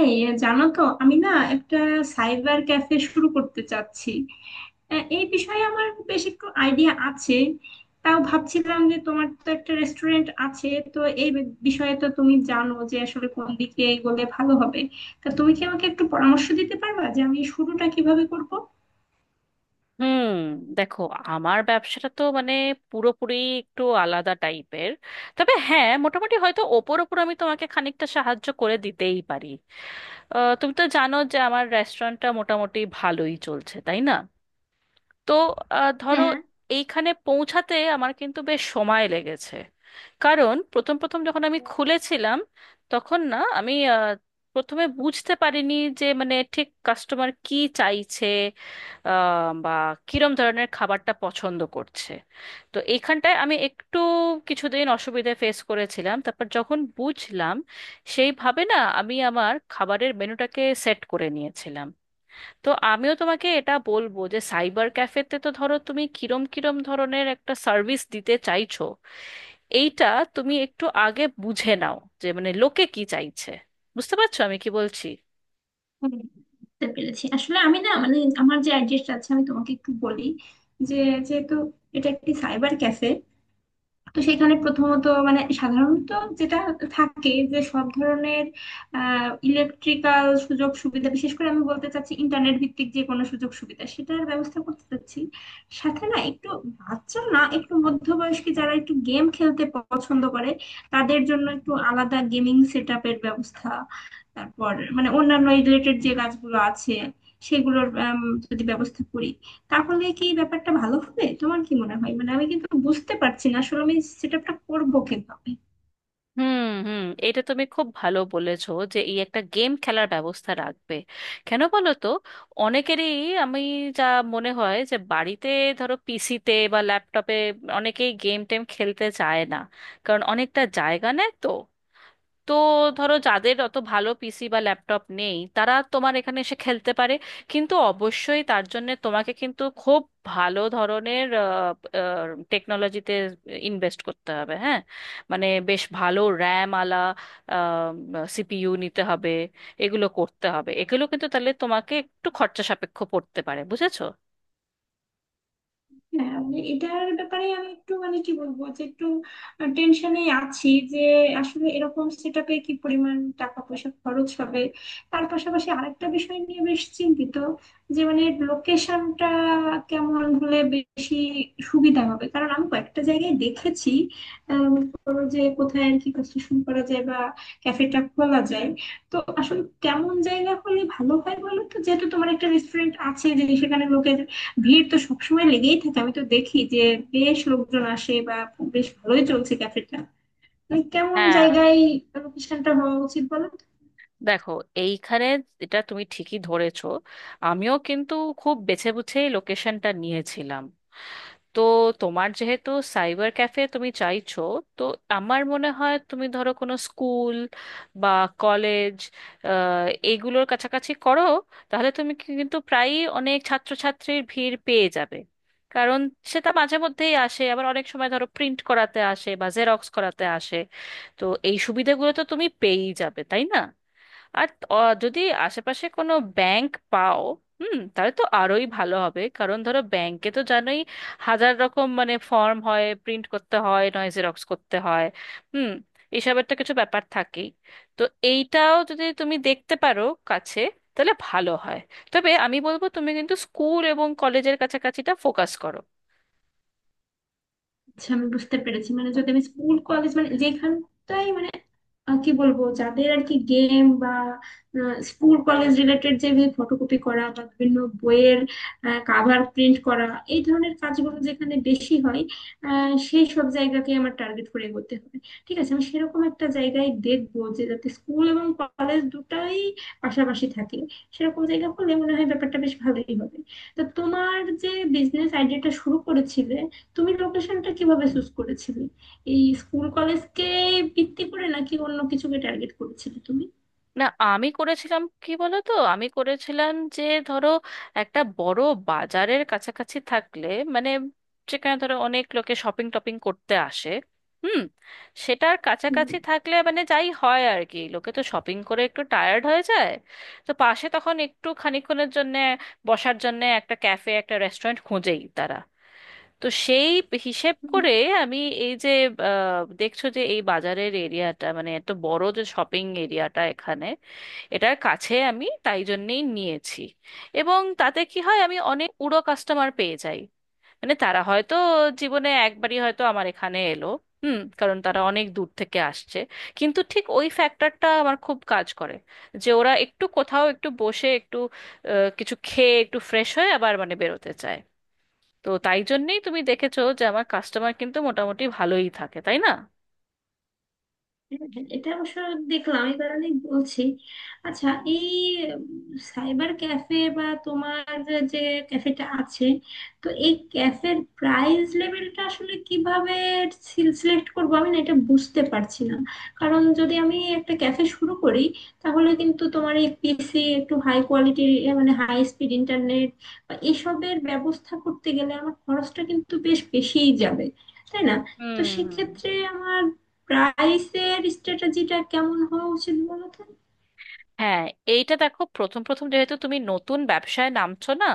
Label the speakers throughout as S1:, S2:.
S1: এই জানো তো আমি না একটা সাইবার ক্যাফে শুরু করতে চাচ্ছি। এই বিষয়ে আমার বেশ একটু আইডিয়া আছে। তাও ভাবছিলাম যে তোমার তো একটা রেস্টুরেন্ট আছে, তো এই বিষয়ে তো তুমি জানো যে আসলে কোন দিকে এগোলে ভালো হবে। তা তুমি কি আমাকে একটু পরামর্শ দিতে পারবা যে আমি শুরুটা কিভাবে করব?
S2: হুম। দেখো, আমার ব্যবসাটা তো মানে পুরোপুরি একটু আলাদা টাইপের, তবে হ্যাঁ, মোটামুটি হয়তো ওপর ওপর আমি তোমাকে খানিকটা সাহায্য করে দিতেই পারি। তুমি তো জানো যে আমার রেস্টুরেন্টটা মোটামুটি ভালোই চলছে, তাই না? তো ধরো,
S1: হ্যাঁ।
S2: এইখানে পৌঁছাতে আমার কিন্তু বেশ সময় লেগেছে। কারণ প্রথম প্রথম যখন আমি খুলেছিলাম, তখন না আমি প্রথমে বুঝতে পারিনি যে মানে ঠিক কাস্টমার কি চাইছে, বা কিরম ধরনের খাবারটা পছন্দ করছে। তো এইখানটায় আমি একটু কিছুদিন অসুবিধা ফেস করেছিলাম, তারপর যখন বুঝলাম, সেইভাবে না আমি আমার খাবারের মেনুটাকে সেট করে নিয়েছিলাম। তো আমিও তোমাকে এটা বলবো যে সাইবার ক্যাফেতে তো ধরো তুমি কিরম কিরম ধরনের একটা সার্ভিস দিতে চাইছো, এইটা তুমি একটু আগে বুঝে নাও যে মানে লোকে কি চাইছে। বুঝতে পারছো আমি কি বলছি?
S1: হুম, বুঝতে পেরেছি। আসলে আমি না, মানে আমার যে আইডিয়াটা আছে আমি তোমাকে একটু বলি যে, যেহেতু এটা একটি সাইবার ক্যাফে, তো সেখানে প্রথমত মানে সাধারণত যেটা থাকে যে সব ধরনের ইলেকট্রিক্যাল সুযোগ সুবিধা, বিশেষ করে আমি বলতে চাচ্ছি ইন্টারনেট ভিত্তিক যে কোনো সুযোগ সুবিধা সেটার ব্যবস্থা করতে চাচ্ছি। সাথে না একটু বাচ্চা না একটু মধ্যবয়স্ক যারা একটু গেম খেলতে পছন্দ করে, তাদের জন্য একটু আলাদা গেমিং সেট আপের ব্যবস্থা। তারপর মানে অন্যান্য রিলেটেড যে কাজগুলো আছে সেগুলোর আম, যদি ব্যবস্থা করি তাহলে কি ব্যাপারটা ভালো হবে? তোমার কি মনে হয়? মানে আমি কিন্তু বুঝতে পারছি না আসলে আমি সেট আপটা করবো কিভাবে?
S2: হুম হুম, এটা তুমি খুব ভালো বলেছো যে এই একটা গেম খেলার ব্যবস্থা রাখবে। কেন বলো তো? অনেকেরই আমি যা মনে হয় যে বাড়িতে ধরো পিসিতে বা ল্যাপটপে অনেকেই গেম টেম খেলতে চায় না, কারণ অনেকটা জায়গা নেয় তো। তো ধরো, যাদের অত ভালো পিসি বা ল্যাপটপ নেই, তারা তোমার এখানে এসে খেলতে পারে। কিন্তু অবশ্যই তার জন্য তোমাকে কিন্তু খুব ভালো ধরনের টেকনোলজিতে ইনভেস্ট করতে হবে, হ্যাঁ। মানে বেশ ভালো র্যাম আলা সিপিইউ নিতে হবে, এগুলো করতে হবে। এগুলো কিন্তু তাহলে তোমাকে একটু খরচা সাপেক্ষ পড়তে পারে, বুঝেছো?
S1: হ্যাঁ মানে এটার ব্যাপারে আমি একটু মানে কি বলবো যে একটু টেনশনে আছি যে আসলে এরকম সেটআপে কি পরিমাণ টাকা পয়সা খরচ হবে। তার পাশাপাশি আরেকটা বিষয় নিয়ে বেশ চিন্তিত যে মানে লোকেশনটা কেমন হলে বেশি সুবিধা হবে, কারণ আমি কয়েকটা জায়গায় দেখেছি। মনে করো যে কোথায় আর কি কনস্ট্রাকশন করা যায় বা ক্যাফেটা খোলা যায়। তো আসলে কেমন জায়গা হলে ভালো হয় বলো তো, যেহেতু তোমার একটা রেস্টুরেন্ট আছে যে সেখানে লোকে ভিড় তো সবসময় লেগেই থাকে, আমি তো দেখি যে বেশ লোকজন আসে বা বেশ ভালোই চলছে ক্যাফেটা। মানে কেমন
S2: হ্যাঁ।
S1: জায়গায় লোকেশনটা হওয়া উচিত বলো।
S2: দেখো, এইখানে এটা তুমি ঠিকই ধরেছো, আমিও কিন্তু খুব বেছে বুঝেই লোকেশনটা নিয়েছিলাম। তো তোমার যেহেতু সাইবার ক্যাফে তুমি চাইছো, তো আমার মনে হয় তুমি ধরো কোনো স্কুল বা কলেজ, এগুলোর কাছাকাছি করো। তাহলে তুমি কিন্তু প্রায়ই অনেক ছাত্রছাত্রীর ভিড় পেয়ে যাবে। কারণ সেটা মাঝে মধ্যেই আসে, আবার অনেক সময় ধরো প্রিন্ট করাতে আসে বা জেরক্স করাতে আসে। তো এই সুবিধাগুলো তো তুমি পেয়েই যাবে, তাই না? আর অ, যদি আশেপাশে কোনো ব্যাংক পাও, হুম, তাহলে তো আরোই ভালো হবে। কারণ ধরো ব্যাংকে তো জানোই, হাজার রকম মানে ফর্ম হয়, প্রিন্ট করতে হয় নয় জেরক্স করতে হয়। হুম। এসবের তো কিছু ব্যাপার থাকেই। তো এইটাও যদি তুমি দেখতে পারো কাছে, তাহলে ভালো হয়। তবে আমি বলবো তুমি কিন্তু স্কুল এবং কলেজের কাছাকাছিটা ফোকাস করো।
S1: আচ্ছা, আমি বুঝতে পেরেছি। মানে যদি আমি স্কুল কলেজ মানে যেখানটাই মানে কি বলবো, যাদের আর কি গেম বা স্কুল কলেজ রিলেটেড যে ফটোকপি করা বা বিভিন্ন বইয়ের কাভার প্রিন্ট করা এই ধরনের কাজগুলো যেখানে বেশি হয় সেই সব জায়গাকে আমার টার্গেট করে এগোতে হবে। ঠিক আছে, আমি সেরকম একটা জায়গায় দেখবো যে যাতে স্কুল এবং কলেজ দুটাই পাশাপাশি থাকে। সেরকম জায়গা হলে মনে হয় ব্যাপারটা বেশ ভালোই হবে। তো তোমার যে বিজনেস আইডিয়াটা শুরু করেছিলে, তুমি লোকেশনটা কিভাবে চুজ করেছিলে? এই স্কুল কলেজকে ভিত্তি করে, নাকি অন্য কিছুকে টার্গেট করেছিলে তুমি?
S2: না, আমি করেছিলাম কি বলো তো, আমি করেছিলাম যে ধরো একটা বড় বাজারের কাছাকাছি থাকলে, মানে যেখানে ধরো অনেক লোকে শপিং টপিং করতে আসে, হুম, সেটার
S1: হুম।
S2: কাছাকাছি থাকলে মানে যাই হয় আর কি, লোকে তো শপিং করে একটু টায়ার্ড হয়ে যায়। তো পাশে তখন একটু খানিকক্ষণের জন্য বসার জন্য একটা ক্যাফে একটা রেস্টুরেন্ট খোঁজেই তারা। তো সেই হিসেব
S1: হুম।
S2: করে আমি এই যে, দেখছো যে এই বাজারের এরিয়াটা মানে এত বড় যে শপিং এরিয়াটা এখানে, এটার কাছে আমি তাই জন্যেই নিয়েছি। এবং তাতে কি হয়, আমি অনেক উড়ো কাস্টমার পেয়ে যাই। মানে তারা হয়তো জীবনে একবারই হয়তো আমার এখানে এলো, হুম, কারণ তারা অনেক দূর থেকে আসছে। কিন্তু ঠিক ওই ফ্যাক্টরটা আমার খুব কাজ করে, যে ওরা একটু কোথাও একটু বসে একটু কিছু খেয়ে একটু ফ্রেশ হয়ে আবার মানে বেরোতে চায়। তো তাই জন্যেই তুমি দেখেছো যে আমার কাস্টমার কিন্তু মোটামুটি ভালোই থাকে, তাই না?
S1: হ্যাঁ, হ্যাঁ, এটা অবশ্য দেখলাম, এই কারণেই বলছি। আচ্ছা, এই সাইবার ক্যাফে বা তোমার যে ক্যাফেটা আছে, তো এই ক্যাফের প্রাইস লেভেলটা আসলে কিভাবে সিলেক্ট করবো আমি না এটা বুঝতে পারছি না। কারণ যদি আমি একটা ক্যাফে শুরু করি, তাহলে কিন্তু তোমার এই পিসি একটু হাই কোয়ালিটির, মানে হাই স্পিড ইন্টারনেট বা এসবের ব্যবস্থা করতে গেলে আমার খরচটা কিন্তু বেশ বেশিই যাবে, তাই না? তো
S2: হুম হুম।
S1: সেক্ষেত্রে আমার প্রাইসের স্ট্র্যাটেজিটা কেমন হওয়া উচিত বলো তো?
S2: হ্যাঁ, এইটা দেখো, প্রথম প্রথম যেহেতু তুমি নতুন ব্যবসায় নামছো না,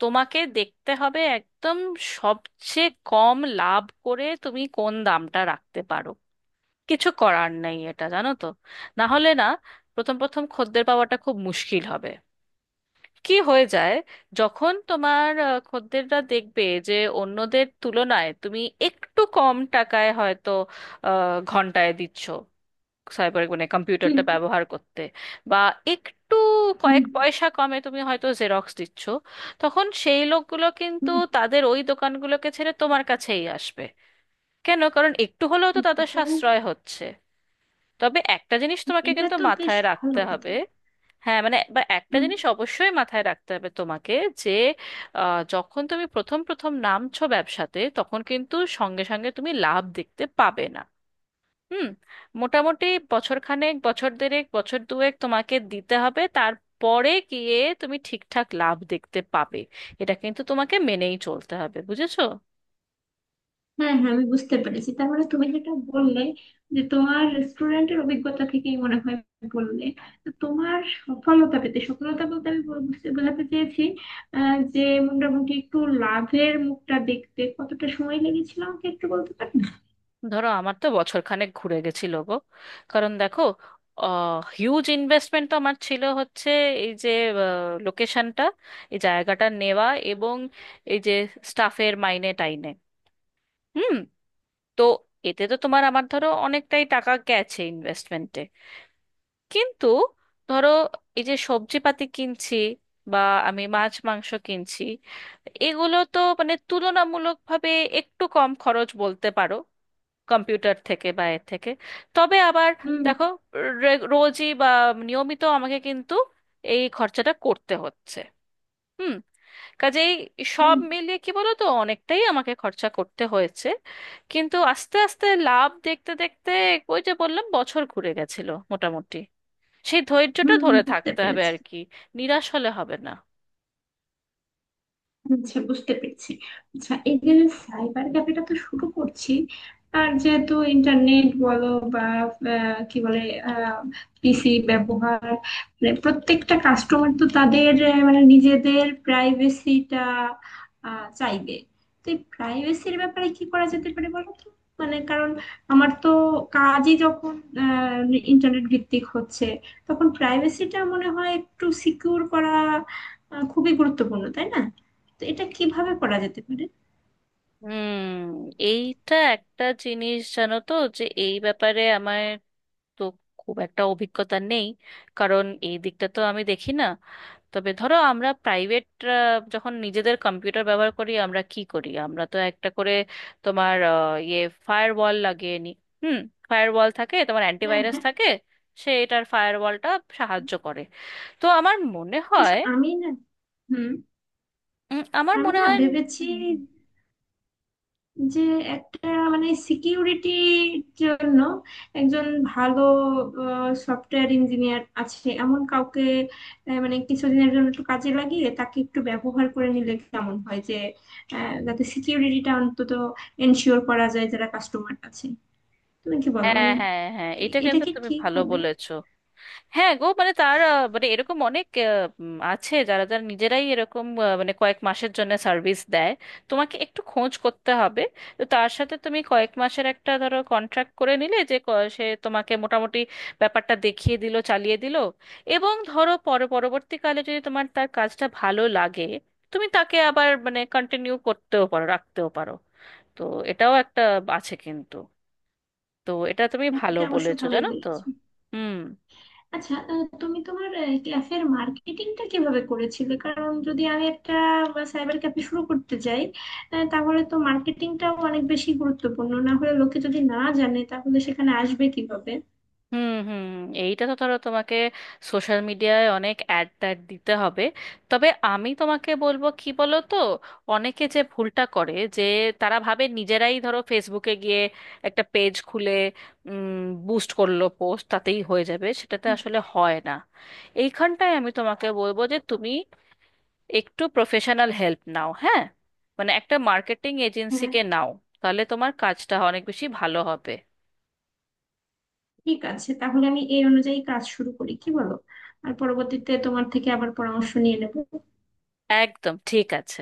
S2: তোমাকে দেখতে হবে একদম সবচেয়ে কম লাভ করে তুমি কোন দামটা রাখতে পারো। কিছু করার নেই, এটা জানো তো। না হলে না, প্রথম প্রথম খদ্দের পাওয়াটা খুব মুশকিল হবে। কি হয়ে যায়, যখন তোমার খদ্দেররা দেখবে যে অন্যদের তুলনায় তুমি একটু কম টাকায় হয়তো ঘন্টায় দিচ্ছ সাইবার মানে
S1: হুম
S2: কম্পিউটারটা ব্যবহার করতে, বা একটু
S1: হুম
S2: কয়েক পয়সা কমে তুমি হয়তো জেরক্স দিচ্ছ, তখন সেই লোকগুলো কিন্তু
S1: হুম
S2: তাদের ওই দোকানগুলোকে ছেড়ে তোমার কাছেই আসবে। কেন? কারণ একটু হলেও তো তাদের
S1: এটা
S2: সাশ্রয় হচ্ছে। তবে একটা জিনিস তোমাকে
S1: এটা
S2: কিন্তু
S1: তো বেশ
S2: মাথায়
S1: ভালো
S2: রাখতে
S1: কথা।
S2: হবে। হ্যাঁ, মানে বা একটা
S1: হুম।
S2: জিনিস অবশ্যই মাথায় রাখতে হবে তোমাকে, যে যখন তুমি প্রথম প্রথম নামছো ব্যবসাতে, তখন কিন্তু সঙ্গে সঙ্গে তুমি লাভ দেখতে পাবে না। হুম। মোটামুটি বছর খানেক, বছর দেড়েক, বছর দুয়েক তোমাকে দিতে হবে, তারপরে গিয়ে তুমি ঠিকঠাক লাভ দেখতে পাবে। এটা কিন্তু তোমাকে মেনেই চলতে হবে, বুঝেছো?
S1: হ্যাঁ হ্যাঁ, আমি বুঝতে পেরেছি। তার মানে তুমি যেটা বললে যে তোমার রেস্টুরেন্টের অভিজ্ঞতা থেকেই মনে হয় বললে, তো তোমার সফলতা পেতে, সফলতা বলতে আমি বুঝতে বোঝাতে চেয়েছি যে মোটামুটি একটু লাভের মুখটা দেখতে কতটা সময় লেগেছিল আমাকে একটু বলতে পারবে?
S2: ধরো, আমার তো বছর খানেক ঘুরে গেছিল গো। কারণ দেখো, হিউজ ইনভেস্টমেন্ট তো আমার ছিল হচ্ছে, এই যে লোকেশনটা, এই জায়গাটা নেওয়া এবং এই যে স্টাফের মাইনে টাইনে, হুম, তো এতে তো তোমার আমার ধরো অনেকটাই টাকা গেছে ইনভেস্টমেন্টে। কিন্তু ধরো, এই যে সবজিপাতি কিনছি বা আমি মাছ মাংস কিনছি, এগুলো তো মানে তুলনামূলকভাবে একটু কম খরচ বলতে পারো, কম্পিউটার থেকে বা এর থেকে। তবে আবার
S1: হুম
S2: দেখো, রোজই বা নিয়মিত আমাকে কিন্তু এই খরচাটা করতে হচ্ছে। হুম। কাজেই সব
S1: হুম
S2: মিলিয়ে কি বলো তো, অনেকটাই আমাকে খরচা করতে হয়েছে। কিন্তু আস্তে আস্তে লাভ দেখতে দেখতে, ওই যে বললাম, বছর ঘুরে গেছিল মোটামুটি। সেই ধৈর্যটা
S1: হুম
S2: ধরে
S1: বুঝতে
S2: থাকতে হবে
S1: পেরেছি।
S2: আর কি। নিরাশ হলে হবে না।
S1: আচ্ছা, বুঝতে পেরেছি। আচ্ছা, এই যে সাইবার ক্যাফেটা তো শুরু করছি, আর যেহেতু ইন্টারনেট বলো বা কি বলে পিসি ব্যবহার, মানে প্রত্যেকটা কাস্টমার তো তাদের মানে নিজেদের প্রাইভেসিটা চাইবে। তো এই প্রাইভেসির ব্যাপারে কি করা যেতে পারে বলো তো? মানে কারণ আমার তো কাজই যখন ইন্টারনেট ভিত্তিক হচ্ছে, তখন প্রাইভেসিটা মনে হয় একটু সিকিউর করা খুবই গুরুত্বপূর্ণ, তাই না? তো এটা কিভাবে করা যেতে পারে?
S2: হুম। এইটা একটা জিনিস জানো তো, যে এই ব্যাপারে আমার তো খুব একটা অভিজ্ঞতা নেই, কারণ এই দিকটা তো আমি দেখি না। তবে ধরো, আমরা প্রাইভেট যখন নিজেদের কম্পিউটার ব্যবহার করি, আমরা কি করি, আমরা তো একটা করে তোমার ইয়ে ফায়ারওয়াল লাগিয়ে নিই। হুম। ফায়ারওয়াল থাকে, তোমার
S1: হ্যাঁ
S2: অ্যান্টিভাইরাস
S1: হ্যাঁ।
S2: থাকে, সে এটার ফায়ারওয়ালটা সাহায্য করে। তো আমার মনে
S1: অবশ্য
S2: হয়,
S1: আমি না, হুম,
S2: আমার
S1: আমি
S2: মনে
S1: না
S2: হয়
S1: ভেবেছি যে একটা মানে সিকিউরিটির জন্য একজন ভালো সফটওয়্যার ইঞ্জিনিয়ার আছে এমন কাউকে মানে কিছুদিনের জন্য একটু কাজে লাগিয়ে তাকে একটু ব্যবহার করে নিলে কেমন হয়, যে যাতে সিকিউরিটিটা অন্তত এনশিওর করা যায় যারা কাস্টমার আছে। তুমি কি বলো,
S2: হ্যাঁ
S1: মানে
S2: হ্যাঁ হ্যাঁ, এটা
S1: এটা
S2: কিন্তু
S1: কি
S2: তুমি
S1: ঠিক
S2: ভালো
S1: হবে?
S2: বলেছো। হ্যাঁ গো, মানে তার মানে এরকম অনেক আছে যারা যারা নিজেরাই এরকম মানে কয়েক মাসের জন্য সার্ভিস দেয়। তোমাকে একটু খোঁজ করতে হবে। তো তার সাথে তুমি কয়েক মাসের একটা ধরো কন্ট্রাক্ট করে নিলে, যে সে তোমাকে মোটামুটি ব্যাপারটা দেখিয়ে দিল, চালিয়ে দিল। এবং ধরো পরবর্তীকালে যদি তোমার তার কাজটা ভালো লাগে, তুমি তাকে আবার মানে কন্টিনিউ করতেও পারো, রাখতেও পারো। তো এটাও একটা আছে কিন্তু। তো এটা তুমি
S1: হ্যাঁ,
S2: ভালো
S1: এটা অবশ্য
S2: বলেছো,
S1: ভালোই
S2: জানো তো।
S1: বলেছো।
S2: হুম
S1: আচ্ছা, তুমি তোমার ক্যাফের মার্কেটিংটা কিভাবে করেছিলে? কারণ যদি আমি একটা সাইবার ক্যাফে শুরু করতে যাই, তাহলে তো মার্কেটিংটাও অনেক বেশি গুরুত্বপূর্ণ, না হলে লোকে যদি না জানে তাহলে সেখানে আসবে কিভাবে?
S2: হুম হুম। এইটা তো ধরো তোমাকে সোশ্যাল মিডিয়ায় অনেক অ্যাড ট্যাড দিতে হবে। তবে আমি তোমাকে বলবো কি বলো তো, অনেকে যে ভুলটা করে, যে তারা ভাবে নিজেরাই ধরো ফেসবুকে গিয়ে একটা পেজ খুলে বুস্ট করলো পোস্ট, তাতেই হয়ে যাবে, সেটাতে আসলে হয় না। এইখানটায় আমি তোমাকে বলবো যে তুমি একটু প্রফেশনাল হেল্প নাও, হ্যাঁ। মানে একটা মার্কেটিং
S1: হ্যাঁ।
S2: এজেন্সিকে নাও, তাহলে তোমার কাজটা অনেক বেশি ভালো হবে।
S1: ঠিক আছে, তাহলে আমি এই অনুযায়ী কাজ শুরু করি, কি বলো? আর পরবর্তীতে তোমার থেকে আবার পরামর্শ নিয়ে নেবো।
S2: একদম ঠিক আছে।